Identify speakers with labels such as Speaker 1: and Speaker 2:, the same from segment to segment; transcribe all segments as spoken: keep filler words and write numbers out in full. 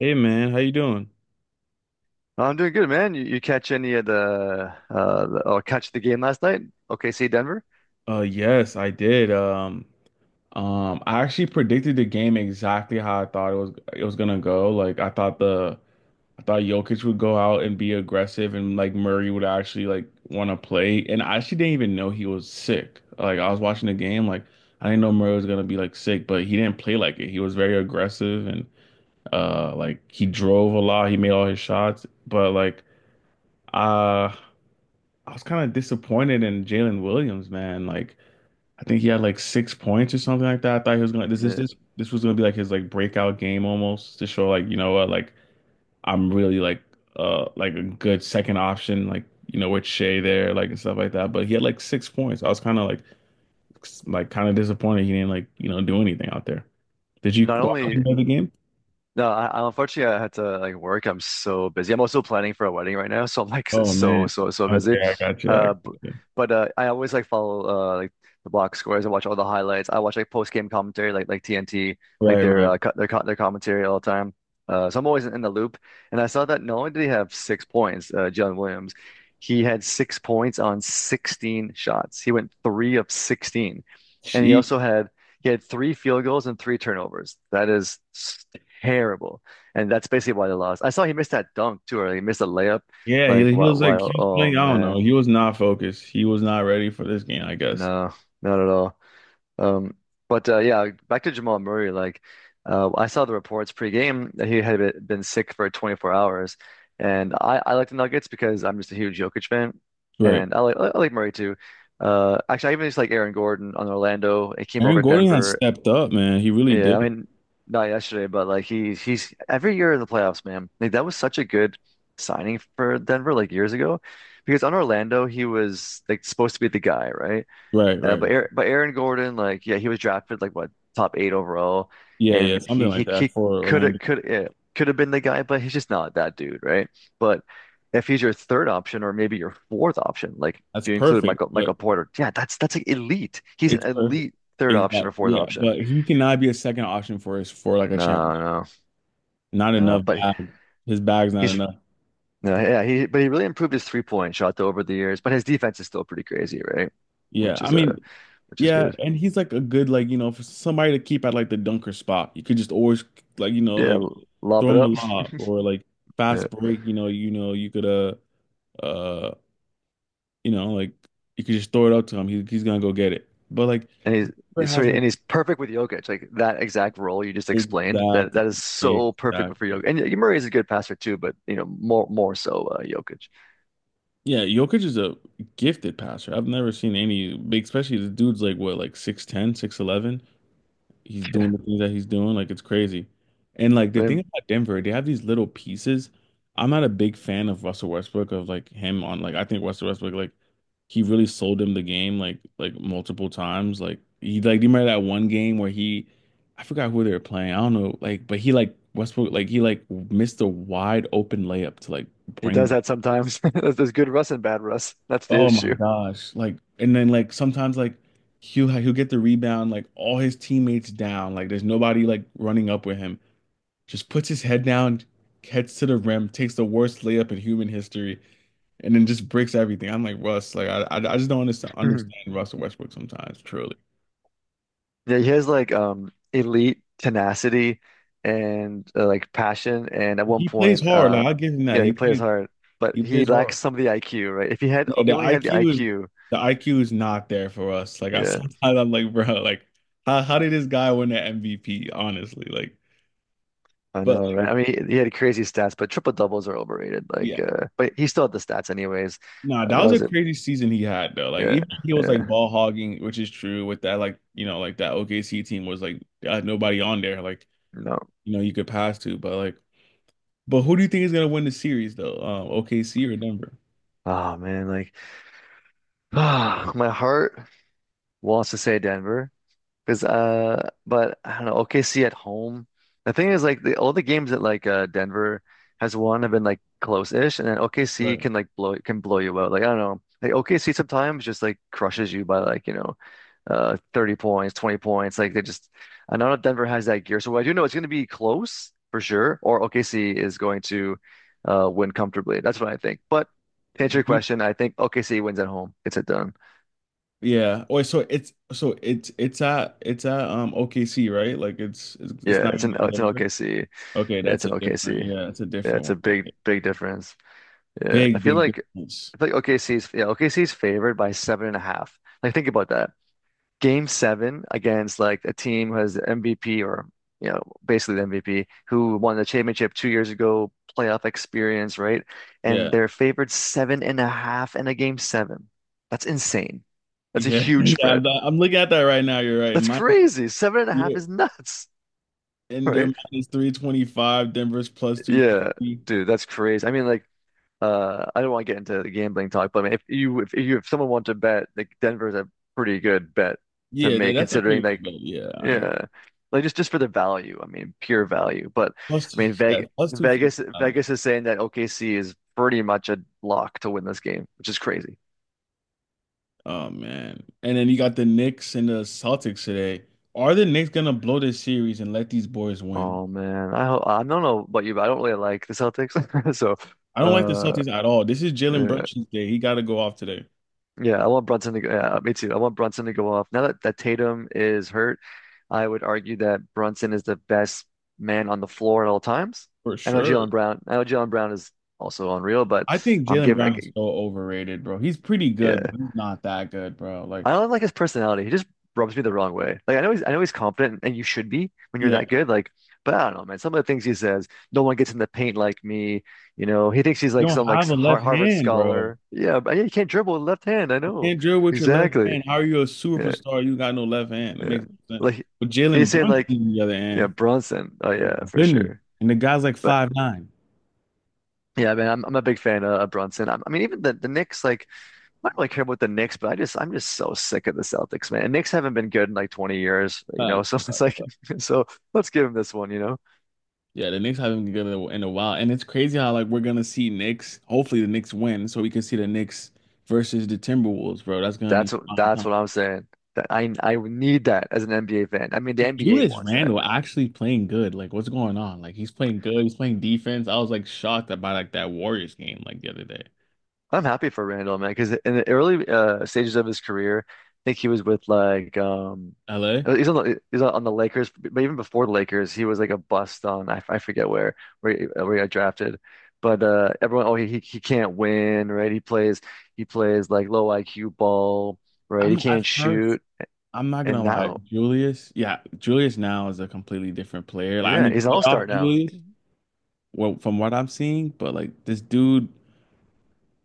Speaker 1: Hey man, how you doing?
Speaker 2: No, I'm doing good, man. You, you catch any of the uh the, or catch the game last night? O K C Denver.
Speaker 1: Uh yes, I did. Um um I actually predicted the game exactly how I thought it was it was gonna go. Like I thought the I thought Jokic would go out and be aggressive and like Murray would actually like want to play. And I actually didn't even know he was sick. Like I was watching the game, like I didn't know Murray was gonna be like sick, but he didn't play like it. He was very aggressive and uh like he drove a lot, he made all his shots, but like uh I was kind of disappointed in Jalen Williams, man. Like I think he had like six points or something like that. I thought he was gonna this is
Speaker 2: Yeah.
Speaker 1: this this was gonna be like his like breakout game almost to show like you know what like I'm really like uh like a good second option like you know with Shea there like and stuff like that. But he had like six points. I was kind of like s- like kind of disappointed he didn't like you know do anything out there. Did you
Speaker 2: Not
Speaker 1: watch
Speaker 2: only
Speaker 1: any of the game?
Speaker 2: No, I, I- unfortunately I had to like work. I'm so busy. I'm also planning for a wedding right now, so I'm like s-
Speaker 1: Oh
Speaker 2: so
Speaker 1: man.
Speaker 2: so so busy.
Speaker 1: Okay, I got you. I
Speaker 2: Uh,
Speaker 1: got
Speaker 2: b-
Speaker 1: you.
Speaker 2: but uh, I always like follow uh like the box scores. I watch all the highlights. I watch like post game commentary, like like T N T, like
Speaker 1: Right,
Speaker 2: their
Speaker 1: right.
Speaker 2: uh, co their co their commentary all the time. Uh, so I'm always in the loop. And I saw that not only did he have six points, uh, John Williams, he had six points on sixteen shots. He went three of sixteen, and he
Speaker 1: She,
Speaker 2: also had. He had three field goals and three turnovers. That is terrible. And that's basically why they lost. I saw he missed that dunk too, or he missed a layup.
Speaker 1: yeah,
Speaker 2: Like,
Speaker 1: he, he
Speaker 2: why,
Speaker 1: was
Speaker 2: why,
Speaker 1: like he was
Speaker 2: oh
Speaker 1: playing. I don't know.
Speaker 2: man,
Speaker 1: He was not focused. He was not ready for this game, I guess.
Speaker 2: no, not at all. Um, but uh, yeah, back to Jamal Murray. Like, uh, I saw the reports pre-game that he had been been sick for twenty-four hours, and I, I like the Nuggets because I'm just a huge Jokic fan,
Speaker 1: Right.
Speaker 2: and I like I like Murray too. Uh, actually, I even just like Aaron Gordon on Orlando. It came
Speaker 1: Aaron
Speaker 2: over to
Speaker 1: Gordon has
Speaker 2: Denver.
Speaker 1: stepped up, man. He really
Speaker 2: Yeah, I
Speaker 1: did.
Speaker 2: mean, not yesterday, but like he's he's every year in the playoffs, man. Like that was such a good signing for Denver like years ago, because on Orlando he was like supposed to be the guy, right?
Speaker 1: Right,
Speaker 2: Uh,
Speaker 1: right.
Speaker 2: but Aaron, but Aaron Gordon, like yeah, he was drafted like what top eight overall,
Speaker 1: Yeah, yeah,
Speaker 2: and
Speaker 1: something
Speaker 2: he
Speaker 1: like
Speaker 2: he
Speaker 1: that
Speaker 2: he
Speaker 1: for
Speaker 2: could have
Speaker 1: Orlando.
Speaker 2: could yeah, could have been the guy, but he's just not that dude, right? But if he's your third option or maybe your fourth option, like if
Speaker 1: That's
Speaker 2: you include
Speaker 1: perfect,
Speaker 2: Michael
Speaker 1: but
Speaker 2: Michael Porter, yeah, that's that's like elite. He's an
Speaker 1: It's perfect.
Speaker 2: elite third option or
Speaker 1: Exactly.
Speaker 2: fourth
Speaker 1: Yeah,
Speaker 2: option.
Speaker 1: but he cannot be a second option for us for like a
Speaker 2: No,
Speaker 1: championship.
Speaker 2: no.
Speaker 1: Not
Speaker 2: Uh,
Speaker 1: enough
Speaker 2: but
Speaker 1: bag. His bag's not
Speaker 2: he's
Speaker 1: enough.
Speaker 2: no, yeah, he but he really improved his three point shot though over the years. But his defense is still pretty crazy, right?
Speaker 1: Yeah,
Speaker 2: Which
Speaker 1: I
Speaker 2: is uh,
Speaker 1: mean,
Speaker 2: which is
Speaker 1: yeah,
Speaker 2: good.
Speaker 1: and he's like a good like you know for somebody to keep at like the dunker spot. You could just always like you know
Speaker 2: Yeah,
Speaker 1: like
Speaker 2: l- lob
Speaker 1: throw
Speaker 2: it
Speaker 1: him a
Speaker 2: up.
Speaker 1: lob or like
Speaker 2: Yeah,
Speaker 1: fast break. You know, you know you could uh uh you know, like you could just throw it up to him. He, he's gonna go get it. But like
Speaker 2: and he's,
Speaker 1: Cooper
Speaker 2: he's so
Speaker 1: has like
Speaker 2: and he's perfect with Jokic, like that exact role you just explained. That
Speaker 1: exactly,
Speaker 2: that is so perfect for
Speaker 1: exactly.
Speaker 2: Jokic. And yeah, Murray is a good passer too, but you know more more so uh, Jokic.
Speaker 1: Yeah, Jokic is a gifted passer. I've never seen any big, especially the dude's like what, like six ten, six eleven. He's doing
Speaker 2: Yeah,
Speaker 1: the things that he's doing. Like it's crazy. And like
Speaker 2: I
Speaker 1: the thing
Speaker 2: mean,
Speaker 1: about Denver, they have these little pieces. I'm not a big fan of Russell Westbrook of like him on like I think Russell Westbrook like he really sold him the game like like multiple times. Like he like do you remember that one game where he I forgot who they were playing. I don't know. Like but he like Westbrook like he like missed a wide open layup to like
Speaker 2: he
Speaker 1: bring
Speaker 2: does
Speaker 1: them.
Speaker 2: that sometimes. There's there's good Russ and bad Russ. That's the
Speaker 1: Oh my
Speaker 2: issue.
Speaker 1: gosh. Like and then like sometimes like he'll he'll get the rebound like all his teammates down. Like there's nobody like running up with him, just puts his head down, heads to the rim, takes the worst layup in human history, and then just breaks everything. I'm like Russ, like I, I, just don't understand, understand Russell Westbrook sometimes. Truly,
Speaker 2: Yeah, he has like um elite tenacity and uh, like passion. And at one
Speaker 1: he plays
Speaker 2: point,
Speaker 1: hard.
Speaker 2: uh,
Speaker 1: Like I give him that.
Speaker 2: yeah,
Speaker 1: He
Speaker 2: he plays
Speaker 1: plays
Speaker 2: hard, but
Speaker 1: he
Speaker 2: he
Speaker 1: plays
Speaker 2: lacks
Speaker 1: hard.
Speaker 2: some of the I Q, right? If he had,
Speaker 1: Yeah,
Speaker 2: if he only
Speaker 1: the
Speaker 2: had the
Speaker 1: IQ is
Speaker 2: I Q,
Speaker 1: the I Q is not there for us. Like I
Speaker 2: yeah,
Speaker 1: sometimes I'm like, bro, like how how did this guy win the M V P? Honestly, like,
Speaker 2: I
Speaker 1: but
Speaker 2: know,
Speaker 1: like,
Speaker 2: right? I mean, he, he had crazy stats, but triple doubles are overrated.
Speaker 1: yeah,
Speaker 2: Like, uh, but he still had the stats anyways.
Speaker 1: Nah,
Speaker 2: Uh,
Speaker 1: that
Speaker 2: that
Speaker 1: was a
Speaker 2: was it.
Speaker 1: crazy season he had though. Like
Speaker 2: Yeah,
Speaker 1: even he was like
Speaker 2: yeah,
Speaker 1: ball hogging, which is true with that like you know like that O K C team was like uh, nobody on there like
Speaker 2: no.
Speaker 1: you know you could pass to, but like but who do you think is gonna win the series though? Um, O K C or Denver?
Speaker 2: Oh man, like, ah, my heart wants to say Denver. Because uh, but I don't know, O K C at home. The thing is, like the, all the games that like uh Denver has won have been like close-ish, and then O K C
Speaker 1: Right.
Speaker 2: can like blow can blow you out. Like I don't know, like O K C sometimes just like crushes you by like you know, uh, thirty points, twenty points. Like they just, I don't know if Denver has that gear. So I do know it's going to be close for sure, or O K C is going to uh win comfortably. That's what I think. But to answer your
Speaker 1: You-
Speaker 2: question, I think O K C wins at home. It's a done.
Speaker 1: Yeah. Wait, so it's so it's it's at it's at um O K C, right? Like it's it's, it's
Speaker 2: Yeah,
Speaker 1: not
Speaker 2: it's
Speaker 1: in
Speaker 2: an it's an
Speaker 1: Denver.
Speaker 2: O K C.
Speaker 1: Okay,
Speaker 2: Yeah, it's
Speaker 1: that's a
Speaker 2: an O K C.
Speaker 1: different, yeah, it's a
Speaker 2: Yeah,
Speaker 1: different
Speaker 2: it's
Speaker 1: one.
Speaker 2: a
Speaker 1: Like,
Speaker 2: big, big difference. Yeah, I
Speaker 1: big
Speaker 2: feel
Speaker 1: big
Speaker 2: like
Speaker 1: difference.
Speaker 2: I feel like O K C's yeah O K C's favored by seven and a half. Like think about that. Game seven against like a team who has M V P or you know basically the M V P who won the championship two years ago, playoff experience, right? And
Speaker 1: Yeah.
Speaker 2: they're favored seven and a half in a game seven. That's insane. That's a
Speaker 1: Yeah.
Speaker 2: huge
Speaker 1: Yeah, I'm,
Speaker 2: spread.
Speaker 1: I'm looking at that right now. You're right.
Speaker 2: That's
Speaker 1: Mine.
Speaker 2: crazy. Seven and a
Speaker 1: Yeah,
Speaker 2: half is nuts,
Speaker 1: and they're
Speaker 2: right?
Speaker 1: minus three twenty-five. Denver's plus
Speaker 2: Yeah,
Speaker 1: two fifty.
Speaker 2: dude, that's crazy. I mean, like. Uh, I don't want to get into the gambling talk, but I mean, if you if you if someone wants to bet, like Denver's a pretty good bet to
Speaker 1: Yeah, that,
Speaker 2: make,
Speaker 1: that's a pretty
Speaker 2: considering
Speaker 1: good
Speaker 2: like
Speaker 1: bet. Yeah, I ain't got
Speaker 2: yeah, like just just for the value. I mean, pure value. But
Speaker 1: plus
Speaker 2: I
Speaker 1: two,
Speaker 2: mean,
Speaker 1: yeah,
Speaker 2: Vegas
Speaker 1: plus two fifty.
Speaker 2: Vegas Vegas is saying that O K C is pretty much a lock to win this game, which is crazy.
Speaker 1: Oh man. And then you got the Knicks and the Celtics today. Are the Knicks gonna blow this series and let these boys win?
Speaker 2: Oh man, I ho- I don't know about you, but I don't really like the Celtics. So,
Speaker 1: I don't like the
Speaker 2: uh,
Speaker 1: Celtics at all. This is Jalen
Speaker 2: yeah.
Speaker 1: Brunson's day. He gotta go off today
Speaker 2: Yeah, I want Brunson to go. Yeah, me too. I want Brunson to go off. Now that, that Tatum is hurt, I would argue that Brunson is the best man on the floor at all times.
Speaker 1: for
Speaker 2: I know
Speaker 1: sure.
Speaker 2: Jalen Brown. I know Jalen Brown is also unreal, but
Speaker 1: I think
Speaker 2: I'm
Speaker 1: Jalen
Speaker 2: giving. I,
Speaker 1: Brown is
Speaker 2: g-
Speaker 1: so overrated, bro. He's pretty good,
Speaker 2: yeah,
Speaker 1: but he's not that good, bro. Like,
Speaker 2: I don't like his personality. He just rubs me the wrong way. Like I know he's, I know he's confident, and you should be when you're
Speaker 1: yeah,
Speaker 2: that good. Like, but I don't know, man. Some of the things he says, no one gets in the paint like me. You know, he thinks he's
Speaker 1: you
Speaker 2: like
Speaker 1: don't
Speaker 2: some like
Speaker 1: have a
Speaker 2: Har-
Speaker 1: left
Speaker 2: Harvard
Speaker 1: hand, bro.
Speaker 2: scholar. Yeah, but yeah, he can't dribble with left hand. I know
Speaker 1: Can't drill with your left
Speaker 2: exactly.
Speaker 1: hand. How are you a
Speaker 2: Yeah.
Speaker 1: superstar? You got no left hand. It
Speaker 2: Yeah.
Speaker 1: makes no sense.
Speaker 2: Like and
Speaker 1: But
Speaker 2: you're
Speaker 1: Jalen
Speaker 2: saying
Speaker 1: Brunson
Speaker 2: like
Speaker 1: on the other
Speaker 2: yeah,
Speaker 1: hand,
Speaker 2: Bronson. Oh
Speaker 1: oh
Speaker 2: yeah,
Speaker 1: my
Speaker 2: for
Speaker 1: goodness,
Speaker 2: sure.
Speaker 1: and the guy's like
Speaker 2: But
Speaker 1: five nine.
Speaker 2: yeah, man, I'm I'm a big fan of, of Brunson. I'm, I mean, even the the Knicks, like I don't really care about the Knicks, but I just I'm just so sick of the Celtics, man. And Knicks haven't been good in like twenty years, you know.
Speaker 1: Sucks,
Speaker 2: So it's
Speaker 1: sucks,
Speaker 2: like
Speaker 1: sucks.
Speaker 2: so let's give them this one, you know.
Speaker 1: Yeah, the Knicks haven't been good in a in a while, and it's crazy how like we're gonna see Knicks. Hopefully, the Knicks win, so we can see the Knicks versus the Timberwolves, bro. That's gonna be
Speaker 2: That's what
Speaker 1: prime
Speaker 2: that's
Speaker 1: time.
Speaker 2: what I'm saying. That I I need that as an N B A fan. I mean, the N B A
Speaker 1: Julius
Speaker 2: wants that.
Speaker 1: Randle actually playing good. Like, what's going on? Like, he's playing good. He's playing defense. I was like shocked about like that Warriors game like the other day.
Speaker 2: I'm happy for Randall, man, because in the early uh, stages of his career, I think he was with like um,
Speaker 1: L A.
Speaker 2: uh, he's on the he's on the Lakers, but even before the Lakers, he was like a bust on I, I forget where where he, where he got drafted, but uh, everyone, oh, he he he can't win, right? He plays he plays like low I Q ball, right? He
Speaker 1: I'm at
Speaker 2: can't
Speaker 1: first.
Speaker 2: shoot.
Speaker 1: I'm not
Speaker 2: And
Speaker 1: gonna lie,
Speaker 2: now,
Speaker 1: Julius. Yeah, Julius now is a completely different player. Like, I
Speaker 2: yeah,
Speaker 1: mean,
Speaker 2: he's an
Speaker 1: playoff
Speaker 2: all-star now.
Speaker 1: Julius, well, from what I'm seeing, but like this dude,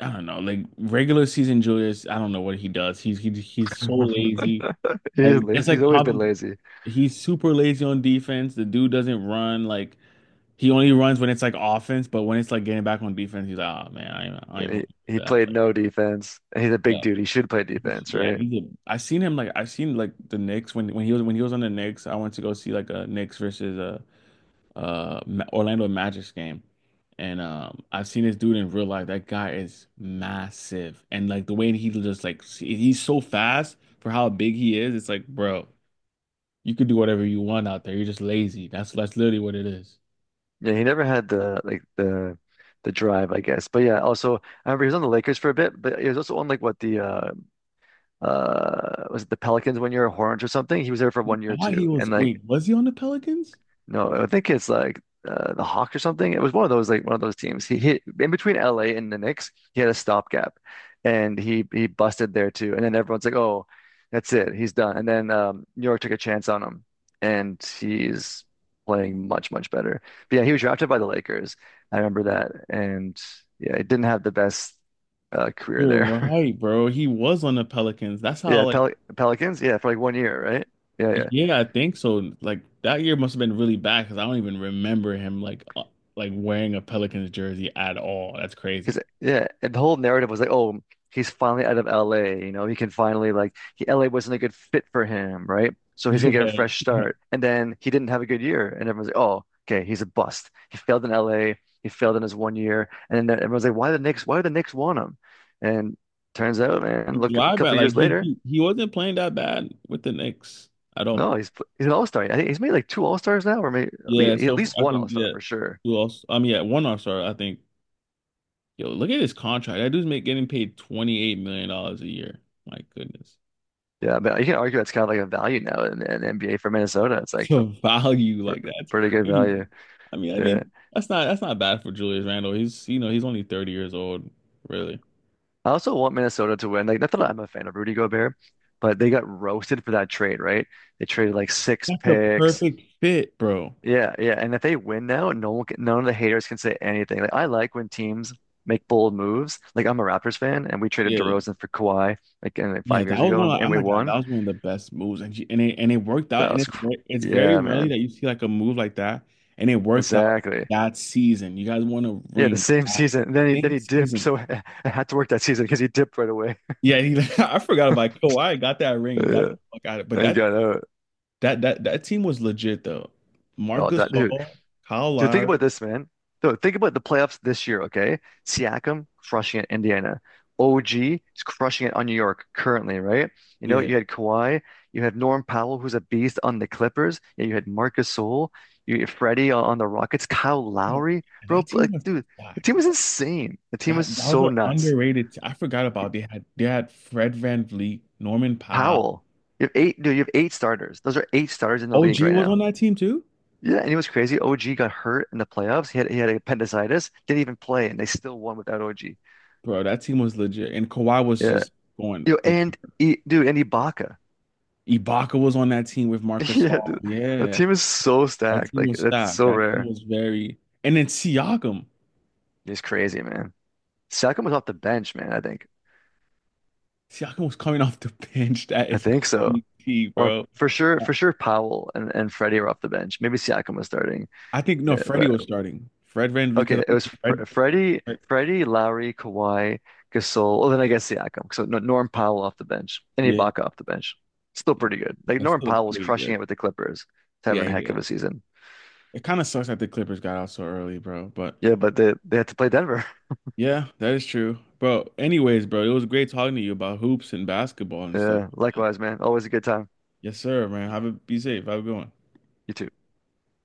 Speaker 1: I don't know. Like regular season Julius, I don't know what he does. He's he, he's so lazy.
Speaker 2: He
Speaker 1: Like
Speaker 2: is
Speaker 1: that's
Speaker 2: lazy. He's
Speaker 1: like
Speaker 2: always been
Speaker 1: Cobb-
Speaker 2: lazy.
Speaker 1: he's super lazy on defense. The dude doesn't run. Like he only runs when it's like offense, but when it's like getting back on defense, he's like, oh man, I, don't even- I don't even
Speaker 2: he
Speaker 1: want to
Speaker 2: he
Speaker 1: do that.
Speaker 2: played
Speaker 1: Like,
Speaker 2: no defense. He's a big
Speaker 1: yeah.
Speaker 2: dude. He should play defense,
Speaker 1: Yeah,
Speaker 2: right?
Speaker 1: he's a. I seen him like I seen like the Knicks when when he was when he was on the Knicks. I went to go see like a Knicks versus a uh Ma- Orlando Magic's game, and um I've seen this dude in real life. That guy is massive, and like the way he just like see- he's so fast for how big he is. It's like, bro, you could do whatever you want out there. You're just lazy. That's that's literally what it is.
Speaker 2: Yeah, he never had the like the the drive, I guess. But yeah, also I remember he was on the Lakers for a bit, but he was also on like what the uh uh was it the Pelicans one year or Hornets or something? He was there for one year
Speaker 1: God, he
Speaker 2: too.
Speaker 1: was.
Speaker 2: And like
Speaker 1: Wait, was he on the Pelicans?
Speaker 2: no, I think it's like uh, the Hawks or something. It was one of those like one of those teams. He hit in between L A and the Knicks. He had a stopgap, and he he busted there too. And then everyone's like, "Oh, that's it. He's done." And then um, New York took a chance on him, and he's playing much much better. But yeah, he was drafted by the Lakers. I remember that, and yeah, he didn't have the best uh, career
Speaker 1: You're
Speaker 2: there.
Speaker 1: right, bro. He was on the Pelicans. That's how
Speaker 2: Yeah,
Speaker 1: like
Speaker 2: Pel Pelicans. Yeah, for like one year, right? Yeah, yeah.
Speaker 1: yeah, I think so. Like that year must have been really bad because I don't even remember him like uh, like wearing a Pelicans jersey at all. That's crazy.
Speaker 2: Because yeah, and the whole narrative was like, oh, he's finally out of L A. You know, he can finally like he, L A wasn't a good fit for him, right? So he's gonna get a
Speaker 1: Yeah,
Speaker 2: fresh start. And then he didn't have a good year, and everyone's like, oh, okay, he's a bust. He failed in L A. He failed in his one year. And then everyone's like, why the Knicks? Why do the Knicks want him? And turns out,
Speaker 1: he
Speaker 2: man, look, a
Speaker 1: thrived at
Speaker 2: couple
Speaker 1: like
Speaker 2: years
Speaker 1: he
Speaker 2: later,
Speaker 1: he he wasn't playing that bad with the Knicks at all.
Speaker 2: no, he's he's an all-star. I think he's made like two all-stars now, or maybe at
Speaker 1: Yeah,
Speaker 2: least, at
Speaker 1: so f-
Speaker 2: least
Speaker 1: I
Speaker 2: one
Speaker 1: think
Speaker 2: all-star
Speaker 1: yeah,
Speaker 2: for sure.
Speaker 1: who else? I mean, yeah, one all star. I think yo, look at his contract. That dude's make, getting paid twenty eight million dollars a year. My goodness,
Speaker 2: Yeah, but you can argue that's kind of like a value now in, in N B A for Minnesota. It's
Speaker 1: it's
Speaker 2: like
Speaker 1: a value
Speaker 2: pr
Speaker 1: like that's
Speaker 2: pretty good value.
Speaker 1: crazy. I mean, I
Speaker 2: Yeah.
Speaker 1: mean that's not that's not bad for Julius Randle. He's you know he's only thirty years old. Really.
Speaker 2: I also want Minnesota to win. Like, not that I'm a fan of Rudy Gobert, but they got roasted for that trade, right? They traded like six
Speaker 1: That's a
Speaker 2: picks.
Speaker 1: perfect fit, bro.
Speaker 2: Yeah, yeah. And if they win now, no one can, none of the haters can say anything. Like, I like when teams make bold moves. Like, I'm a Raptors fan, and we traded
Speaker 1: Yeah.
Speaker 2: DeRozan for Kawhi like, in, like
Speaker 1: Yeah,
Speaker 2: five
Speaker 1: that
Speaker 2: years
Speaker 1: was
Speaker 2: ago,
Speaker 1: one
Speaker 2: and,
Speaker 1: of, oh
Speaker 2: and we
Speaker 1: my God, that
Speaker 2: won.
Speaker 1: was one of the best moves. And she, and it and it worked out.
Speaker 2: That
Speaker 1: And
Speaker 2: was,
Speaker 1: it's
Speaker 2: cr
Speaker 1: ve- it's very
Speaker 2: yeah,
Speaker 1: rarely
Speaker 2: man.
Speaker 1: that you see like a move like that and it works out
Speaker 2: Exactly.
Speaker 1: that season. You guys won a
Speaker 2: Yeah, the
Speaker 1: ring
Speaker 2: same season. And then he then
Speaker 1: same
Speaker 2: he dipped,
Speaker 1: season.
Speaker 2: so I had to work that season because he dipped right away.
Speaker 1: Yeah, he, I forgot about Kawhi got that ring, got the
Speaker 2: Yeah,
Speaker 1: fuck out of it. But
Speaker 2: and he
Speaker 1: that
Speaker 2: got out.
Speaker 1: that that that team was legit though. Marc
Speaker 2: Oh, that dude.
Speaker 1: Gasol, Kyle
Speaker 2: Dude, think about
Speaker 1: Lowry,
Speaker 2: this, man. So think about the playoffs this year, okay? Siakam crushing it, Indiana. O G is crushing it on New York currently, right? You know,
Speaker 1: yeah.
Speaker 2: you had Kawhi, you had Norm Powell, who's a beast on the Clippers. Yeah, you had Marcus Sol, you had Freddie on, on the Rockets, Kyle
Speaker 1: Yo,
Speaker 2: Lowry,
Speaker 1: that
Speaker 2: bro.
Speaker 1: team
Speaker 2: Like,
Speaker 1: was
Speaker 2: dude, the team
Speaker 1: stacked.
Speaker 2: was insane. The team
Speaker 1: That that
Speaker 2: was
Speaker 1: was
Speaker 2: so
Speaker 1: an
Speaker 2: nuts.
Speaker 1: underrated. t- I forgot about they had they had Fred VanVleet, Norman Powell.
Speaker 2: Powell, you have eight, dude, you have eight starters. Those are eight starters in the league
Speaker 1: O G
Speaker 2: right
Speaker 1: was on
Speaker 2: now.
Speaker 1: that team too,
Speaker 2: Yeah, and he was crazy. O G got hurt in the playoffs. He had he had appendicitis, didn't even play, and they still won without O G.
Speaker 1: bro. That team was legit, and Kawhi was
Speaker 2: Yeah,
Speaker 1: just going
Speaker 2: you know,
Speaker 1: berserk.
Speaker 2: and he, dude, and Ibaka.
Speaker 1: Ibaka was on that team with Marcus.
Speaker 2: Yeah,
Speaker 1: All.
Speaker 2: dude, the
Speaker 1: Yeah,
Speaker 2: team is so
Speaker 1: that
Speaker 2: stacked.
Speaker 1: team
Speaker 2: Like
Speaker 1: was
Speaker 2: that's
Speaker 1: stacked.
Speaker 2: so
Speaker 1: That team
Speaker 2: rare.
Speaker 1: was very. And then Siakam,
Speaker 2: He's crazy, man. Siakam was off the bench, man. I think
Speaker 1: Siakam was coming off the bench. That
Speaker 2: I
Speaker 1: is
Speaker 2: think so,
Speaker 1: crazy,
Speaker 2: or
Speaker 1: bro.
Speaker 2: for sure, for sure, Powell and and Freddie were off the bench. Maybe Siakam was starting.
Speaker 1: I think no,
Speaker 2: Yeah,
Speaker 1: Freddie
Speaker 2: but
Speaker 1: was starting. Fred Van because I
Speaker 2: okay, it
Speaker 1: think
Speaker 2: was
Speaker 1: Fred,
Speaker 2: Fr Freddie,
Speaker 1: Fred-
Speaker 2: Freddie, Lowry, Kawhi, Gasol. Well, then I guess Siakam. So no, Norm Powell off the bench and
Speaker 1: yeah,
Speaker 2: Ibaka off the bench. Still pretty good. Like
Speaker 1: that's
Speaker 2: Norm
Speaker 1: still
Speaker 2: Powell was
Speaker 1: pretty good.
Speaker 2: crushing it with the Clippers. He's having
Speaker 1: Yeah,
Speaker 2: a heck
Speaker 1: yeah.
Speaker 2: of a season.
Speaker 1: It kind of sucks that the Clippers got out so early, bro. But
Speaker 2: Yeah, but they they had to play Denver.
Speaker 1: yeah, that is true. Bro, anyways, bro, it was great talking to you about hoops and basketball and stuff
Speaker 2: Yeah,
Speaker 1: like that.
Speaker 2: likewise, man. Always a good time.
Speaker 1: Yes, sir, man. Have a be safe. Have a good one.
Speaker 2: You too.